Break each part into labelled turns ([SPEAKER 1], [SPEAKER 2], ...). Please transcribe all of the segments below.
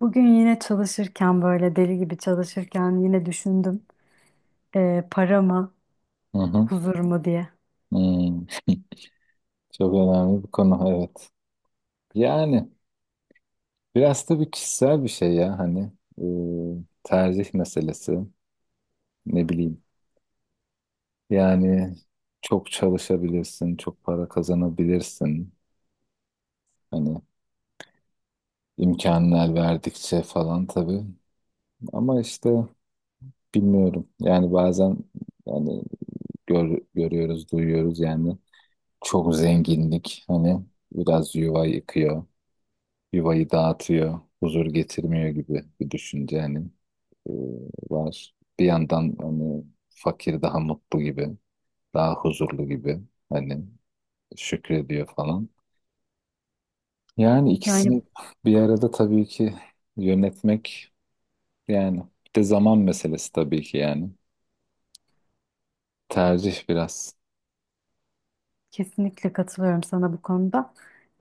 [SPEAKER 1] Bugün yine çalışırken böyle deli gibi çalışırken yine düşündüm para mı
[SPEAKER 2] Hı hı.
[SPEAKER 1] huzur mu diye.
[SPEAKER 2] Hmm. Çok önemli bir konu, evet. Yani biraz tabii kişisel bir şey ya, hani tercih meselesi, ne bileyim. Yani çok çalışabilirsin, çok para kazanabilirsin. Hani imkanlar verdikçe falan tabii. Ama işte bilmiyorum. Yani bazen yani görüyoruz, duyuyoruz yani çok zenginlik hani biraz yuva yıkıyor, yuvayı dağıtıyor, huzur getirmiyor gibi bir düşünce hani e, var. Bir yandan hani fakir daha mutlu gibi, daha huzurlu gibi, hani şükrediyor falan. Yani
[SPEAKER 1] Yani
[SPEAKER 2] ikisini bir arada tabii ki yönetmek yani, bir de zaman meselesi tabii ki yani. Tercih biraz.
[SPEAKER 1] kesinlikle katılıyorum sana bu konuda.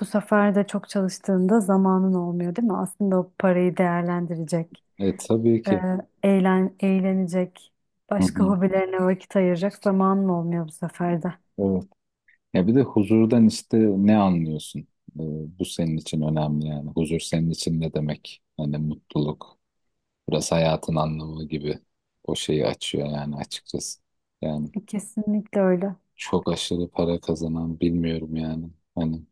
[SPEAKER 1] Bu sefer de çok çalıştığında zamanın olmuyor değil mi? Aslında o parayı değerlendirecek,
[SPEAKER 2] E tabii ki.
[SPEAKER 1] eee, eğlenecek,
[SPEAKER 2] Hı
[SPEAKER 1] başka
[SPEAKER 2] hı.
[SPEAKER 1] hobilerine vakit ayıracak zamanın olmuyor bu sefer de.
[SPEAKER 2] Evet. Ya bir de huzurdan işte ne anlıyorsun? E, bu senin için önemli yani. Huzur senin için ne demek? Hani mutluluk, biraz hayatın anlamı gibi o şeyi açıyor yani açıkçası. Yani
[SPEAKER 1] E, kesinlikle öyle.
[SPEAKER 2] çok aşırı para kazanan bilmiyorum yani. Hani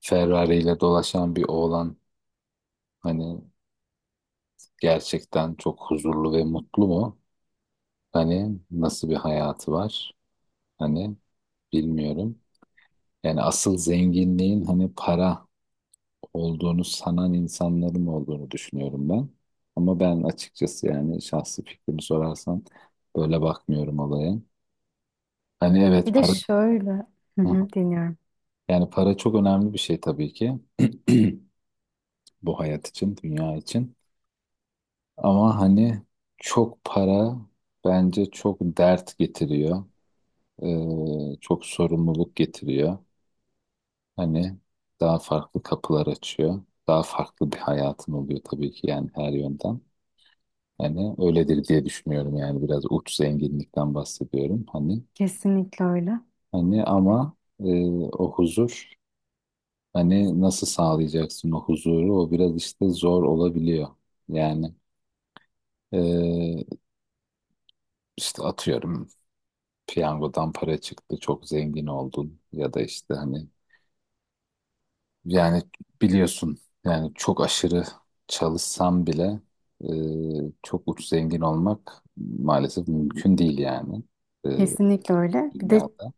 [SPEAKER 2] Ferrari ile dolaşan bir oğlan hani gerçekten çok huzurlu ve mutlu mu? Hani nasıl bir hayatı var? Hani bilmiyorum. Yani asıl zenginliğin hani para olduğunu sanan insanların olduğunu düşünüyorum ben. Ama ben açıkçası yani şahsi fikrimi sorarsan böyle bakmıyorum olaya. Hani evet
[SPEAKER 1] Bir de
[SPEAKER 2] para...
[SPEAKER 1] şöyle, hı
[SPEAKER 2] Hı.
[SPEAKER 1] hı, dinliyorum.
[SPEAKER 2] Yani para çok önemli bir şey tabii ki. Bu hayat için, dünya için. Ama hani çok para bence çok dert getiriyor. Çok sorumluluk getiriyor. Hani daha farklı kapılar açıyor. Daha farklı bir hayatın oluyor tabii ki yani her yönden. Hani öyledir diye düşünüyorum yani biraz uç zenginlikten bahsediyorum. Hani
[SPEAKER 1] Kesinlikle öyle.
[SPEAKER 2] hani ama o huzur, hani nasıl sağlayacaksın o huzuru? O biraz işte zor olabiliyor. Yani eee, işte atıyorum piyangodan para çıktı, çok zengin oldun ya da işte hani yani biliyorsun yani çok aşırı çalışsam bile çok uç zengin olmak maalesef mümkün değil yani eee,
[SPEAKER 1] Kesinlikle öyle. Bir de
[SPEAKER 2] dünyada.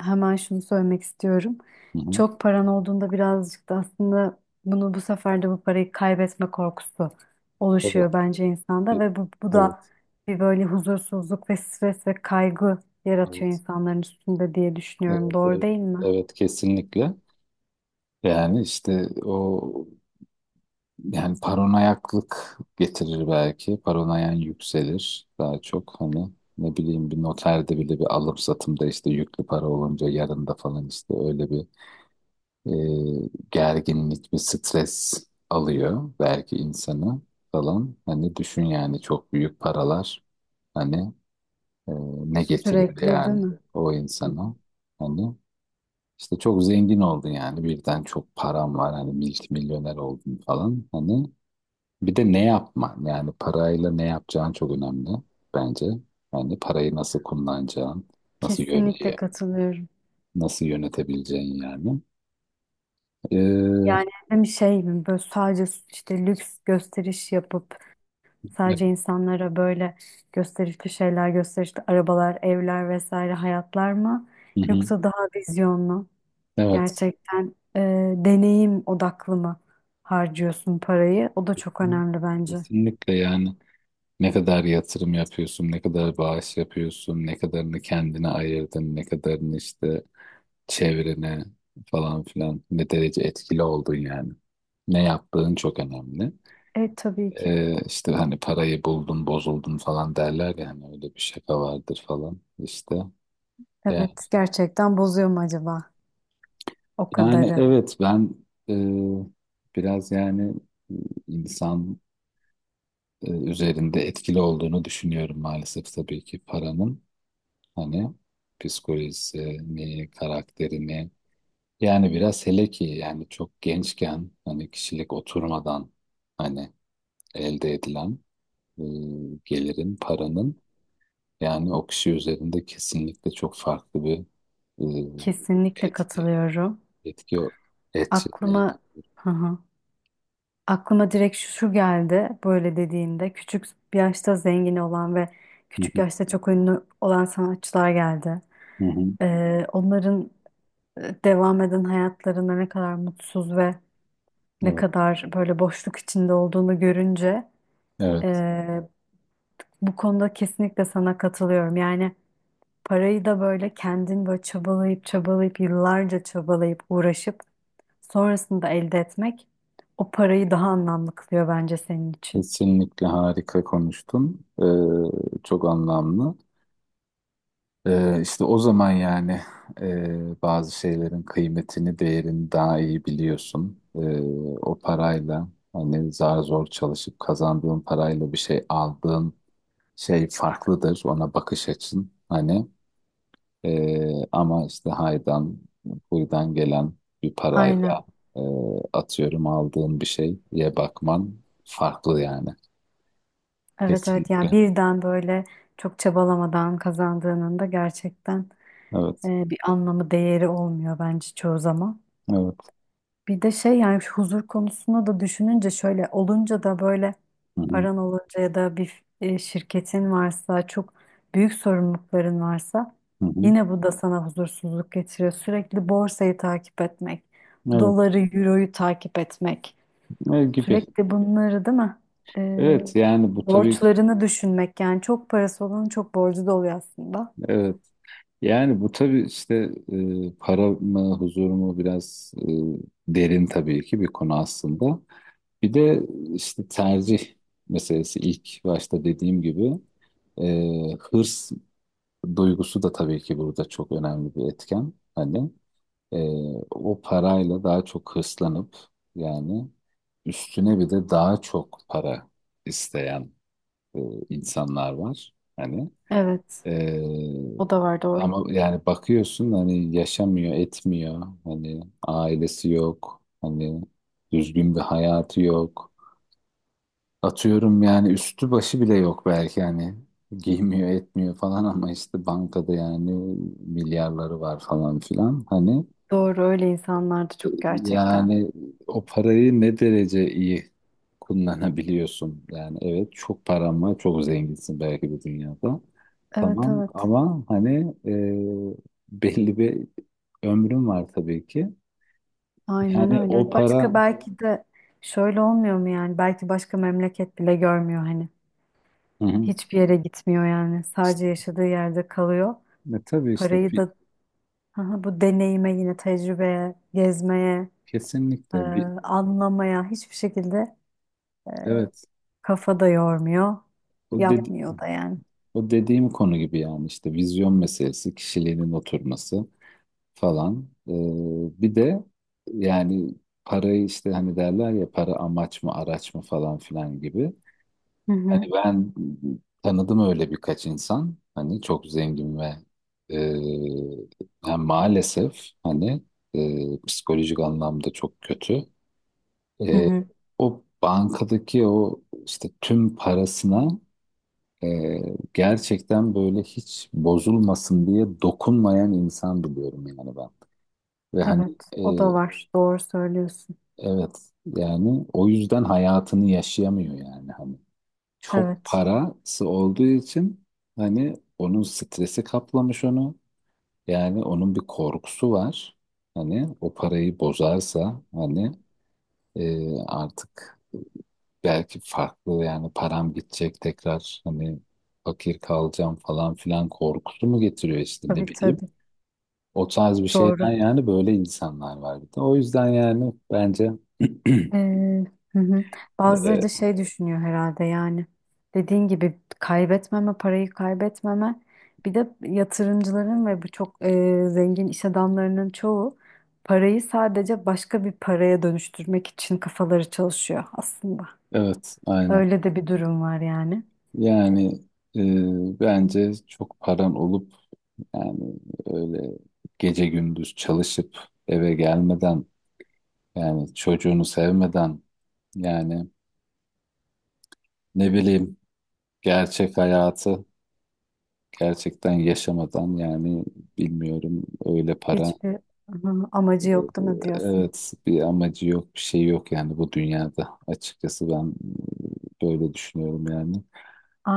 [SPEAKER 1] hemen şunu söylemek istiyorum.
[SPEAKER 2] Hı hı,
[SPEAKER 1] Çok paran olduğunda birazcık da aslında bunu bu sefer de bu parayı kaybetme korkusu
[SPEAKER 2] tabii.
[SPEAKER 1] oluşuyor bence
[SPEAKER 2] E-
[SPEAKER 1] insanda ve bu da
[SPEAKER 2] Evet,
[SPEAKER 1] bir böyle huzursuzluk ve stres ve kaygı yaratıyor
[SPEAKER 2] evet,
[SPEAKER 1] insanların üstünde diye düşünüyorum.
[SPEAKER 2] evet,
[SPEAKER 1] Doğru
[SPEAKER 2] evet,
[SPEAKER 1] değil mi?
[SPEAKER 2] evet kesinlikle. Yani işte o, yani paranoyaklık getirir belki. Paranoyan yükselir daha çok. Hani ne bileyim, bir noterde bile bir alım satımda işte yüklü para olunca yarında falan işte öyle bir gerginlik, bir stres alıyor belki insanı falan. Hani düşün yani çok büyük paralar hani e, ne getiriyor
[SPEAKER 1] Sürekli değil
[SPEAKER 2] yani
[SPEAKER 1] mi?
[SPEAKER 2] o
[SPEAKER 1] Hı hı.
[SPEAKER 2] insana. Hani işte çok zengin oldun yani birden çok param var hani milyoner oldun falan. Hani bir de ne yapman yani parayla ne yapacağın çok önemli bence. Yani parayı nasıl kullanacağın, nasıl yön
[SPEAKER 1] Kesinlikle katılıyorum.
[SPEAKER 2] nasıl yönetebileceğin yani. Ee,
[SPEAKER 1] Yani hem şey mi böyle sadece işte lüks gösteriş yapıp
[SPEAKER 2] evet.
[SPEAKER 1] sadece insanlara böyle gösterişli şeyler, gösterişli arabalar, evler vesaire hayatlar mı?
[SPEAKER 2] Hı hı.
[SPEAKER 1] Yoksa daha vizyonlu,
[SPEAKER 2] Evet.
[SPEAKER 1] gerçekten e, deneyim odaklı mı harcıyorsun parayı? O da çok
[SPEAKER 2] Kesin-
[SPEAKER 1] önemli bence.
[SPEAKER 2] Kesinlikle yani, ne kadar yatırım yapıyorsun, ne kadar bağış yapıyorsun, ne kadarını kendine ayırdın, ne kadarını işte çevrene falan filan, ne derece etkili oldun yani. Ne yaptığın çok önemli.
[SPEAKER 1] E tabii ki.
[SPEAKER 2] İşte hani parayı buldun bozuldun falan derler ya, hani öyle bir şaka vardır falan işte. Ya,
[SPEAKER 1] Evet, gerçekten bozuyor mu acaba o
[SPEAKER 2] yani
[SPEAKER 1] kadarı?
[SPEAKER 2] evet ben e, biraz yani e, insan üzerinde etkili olduğunu düşünüyorum maalesef tabii ki paranın, hani psikolojisini, karakterini yani, biraz hele ki yani çok gençken hani kişilik oturmadan hani elde edilen e, gelirin, paranın. Yani o kişi üzerinde kesinlikle çok farklı bir e,
[SPEAKER 1] Kesinlikle
[SPEAKER 2] etki
[SPEAKER 1] katılıyorum.
[SPEAKER 2] etki etki neydi?
[SPEAKER 1] Aklıma hı hı. Aklıma direkt şu geldi böyle dediğinde küçük yaşta zengin olan ve
[SPEAKER 2] Hı
[SPEAKER 1] küçük
[SPEAKER 2] hı,
[SPEAKER 1] yaşta çok ünlü olan sanatçılar geldi.
[SPEAKER 2] hı hı.
[SPEAKER 1] Onların e, devam eden hayatlarında ne kadar mutsuz ve ne
[SPEAKER 2] Evet,
[SPEAKER 1] kadar böyle boşluk içinde olduğunu görünce
[SPEAKER 2] evet.
[SPEAKER 1] e, bu konuda kesinlikle sana katılıyorum. Yani parayı da böyle kendin böyle çabalayıp çabalayıp yıllarca çabalayıp uğraşıp sonrasında elde etmek o parayı daha anlamlı kılıyor bence senin için.
[SPEAKER 2] Kesinlikle harika konuştun. E, çok anlamlı. E, işte o zaman yani bazı şeylerin kıymetini, değerini daha iyi biliyorsun. E, o parayla hani zar zor çalışıp kazandığın parayla bir şey aldığın şey farklıdır. Ona bakış açın hani. Ama işte haydan, huydan gelen bir
[SPEAKER 1] Aynen.
[SPEAKER 2] parayla e, atıyorum aldığın bir şeye bakman farklı yani.
[SPEAKER 1] Evet, evet, yani
[SPEAKER 2] Kesinlikle.
[SPEAKER 1] birden böyle çok çabalamadan kazandığının da gerçekten
[SPEAKER 2] Evet.
[SPEAKER 1] e, bir anlamı değeri olmuyor bence çoğu zaman.
[SPEAKER 2] Evet.
[SPEAKER 1] Bir de şey yani şu huzur konusunu da düşününce şöyle olunca da böyle
[SPEAKER 2] Hı hı.
[SPEAKER 1] paran olunca ya da bir e, şirketin varsa çok büyük sorumlulukların varsa
[SPEAKER 2] Hı hı.
[SPEAKER 1] yine bu da sana huzursuzluk getiriyor. Sürekli borsayı takip etmek,
[SPEAKER 2] Evet.
[SPEAKER 1] doları, euroyu takip etmek,
[SPEAKER 2] Ne gibi.
[SPEAKER 1] sürekli bunları değil mi? E,
[SPEAKER 2] Evet yani bu tabii ki
[SPEAKER 1] borçlarını düşünmek yani çok parası olanın çok borcu da oluyor aslında.
[SPEAKER 2] evet. Yani bu tabii işte para mı huzur mu, biraz derin tabii ki bir konu aslında. Bir de işte tercih meselesi ilk başta dediğim gibi hırs duygusu da tabii ki burada çok önemli bir etken. Hani e, o parayla daha çok hırslanıp yani üstüne bir de daha çok para isteyen e, insanlar var. Hani
[SPEAKER 1] Evet,
[SPEAKER 2] e,
[SPEAKER 1] o da var, doğru.
[SPEAKER 2] ama yani bakıyorsun hani yaşamıyor, etmiyor. Hani ailesi yok. Hani düzgün bir hayatı yok. Atıyorum yani üstü başı bile yok belki, hani giymiyor etmiyor falan, ama işte bankada yani milyarları var falan filan hani,
[SPEAKER 1] Doğru, öyle insanlardı çok gerçekten.
[SPEAKER 2] yani o parayı ne derece iyi kullanabiliyorsun yani. Evet çok paran var, çok zenginsin belki bu dünyada
[SPEAKER 1] Evet,
[SPEAKER 2] tamam,
[SPEAKER 1] evet.
[SPEAKER 2] ama hani e, belli bir ömrün var tabii ki
[SPEAKER 1] Aynen
[SPEAKER 2] yani o
[SPEAKER 1] öyle.
[SPEAKER 2] para.
[SPEAKER 1] Başka belki de şöyle olmuyor mu yani? Belki başka memleket bile görmüyor hani.
[SPEAKER 2] Hı hı.
[SPEAKER 1] Hiçbir yere gitmiyor yani.
[SPEAKER 2] İşte,
[SPEAKER 1] Sadece yaşadığı yerde kalıyor.
[SPEAKER 2] tabii işte
[SPEAKER 1] Parayı
[SPEAKER 2] bir,
[SPEAKER 1] da aha, bu deneyime yine tecrübeye, gezmeye, e,
[SPEAKER 2] kesinlikle bir
[SPEAKER 1] anlamaya hiçbir şekilde
[SPEAKER 2] evet.
[SPEAKER 1] kafa da yormuyor.
[SPEAKER 2] o de-
[SPEAKER 1] Yapmıyor da yani.
[SPEAKER 2] O dediğim konu gibi yani, işte vizyon meselesi, kişiliğinin oturması falan. Bir de yani parayı işte hani derler ya, para amaç mı araç mı falan filan gibi.
[SPEAKER 1] Hı
[SPEAKER 2] Hani
[SPEAKER 1] hı,
[SPEAKER 2] ben tanıdım öyle birkaç insan. Hani çok zengin ve e, yani maalesef hani psikolojik anlamda çok kötü.
[SPEAKER 1] hı
[SPEAKER 2] E,
[SPEAKER 1] hı.
[SPEAKER 2] o bankadaki o işte tüm parasına ee, gerçekten böyle hiç bozulmasın diye dokunmayan insan biliyorum yani ben. Ve hani
[SPEAKER 1] Evet, o da
[SPEAKER 2] e,
[SPEAKER 1] var. Doğru söylüyorsun.
[SPEAKER 2] evet yani o yüzden hayatını yaşayamıyor yani hani. Çok
[SPEAKER 1] Evet.
[SPEAKER 2] parası olduğu için hani onun stresi kaplamış onu. Yani onun bir korkusu var. Hani o parayı bozarsa hani artık belki farklı, yani param gidecek tekrar hani fakir kalacağım falan filan korkusu mu getiriyor işte, ne
[SPEAKER 1] Tabii,
[SPEAKER 2] bileyim.
[SPEAKER 1] tabii.
[SPEAKER 2] O tarz bir şeyden
[SPEAKER 1] Doğru.
[SPEAKER 2] yani, böyle insanlar var bir de. O yüzden yani bence
[SPEAKER 1] Ee, hı hı. Bazıları
[SPEAKER 2] e,
[SPEAKER 1] da şey düşünüyor herhalde yani dediğin gibi kaybetmeme parayı kaybetmeme bir de yatırımcıların ve bu çok e, zengin iş adamlarının çoğu parayı sadece başka bir paraya dönüştürmek için kafaları çalışıyor aslında.
[SPEAKER 2] evet aynen.
[SPEAKER 1] Öyle de bir durum var yani.
[SPEAKER 2] Yani bence çok paran olup yani öyle gece gündüz çalışıp eve gelmeden, yani çocuğunu sevmeden yani, ne bileyim gerçek hayatı gerçekten yaşamadan yani, bilmiyorum öyle para.
[SPEAKER 1] Hiçbir hı, amacı yok değil mi diyorsun?
[SPEAKER 2] Evet bir amacı yok, bir şey yok yani bu dünyada. Açıkçası ben böyle düşünüyorum yani.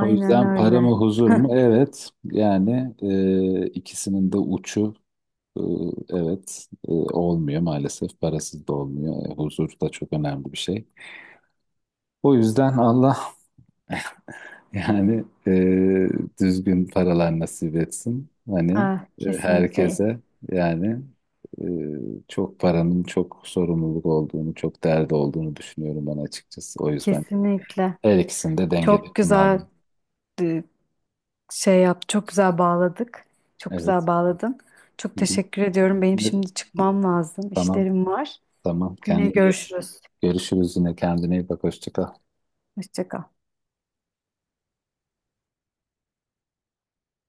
[SPEAKER 2] O yüzden para mı
[SPEAKER 1] öyle.
[SPEAKER 2] huzur mu? Evet yani ikisinin de uçu e, evet olmuyor maalesef. Parasız da olmuyor. E, huzur da çok önemli bir şey. O yüzden Allah yani düzgün paralar nasip etsin. Hani
[SPEAKER 1] Ah, kesinlikle.
[SPEAKER 2] herkese yani e, çok paranın çok sorumluluk olduğunu, çok derdi olduğunu düşünüyorum ben açıkçası. O yüzden
[SPEAKER 1] Kesinlikle.
[SPEAKER 2] her ikisini de dengede
[SPEAKER 1] Çok güzel
[SPEAKER 2] kullandım.
[SPEAKER 1] şey yap, çok güzel bağladık. Çok
[SPEAKER 2] Evet.
[SPEAKER 1] güzel bağladın. Çok
[SPEAKER 2] Hı hı.
[SPEAKER 1] teşekkür ediyorum. Benim
[SPEAKER 2] Evet.
[SPEAKER 1] şimdi çıkmam lazım.
[SPEAKER 2] Tamam,
[SPEAKER 1] İşlerim var.
[SPEAKER 2] tamam.
[SPEAKER 1] Yine görüşürüz.
[SPEAKER 2] Görüşürüz yine. Kendine iyi bak. Hoşça kal.
[SPEAKER 1] Hoşça kal.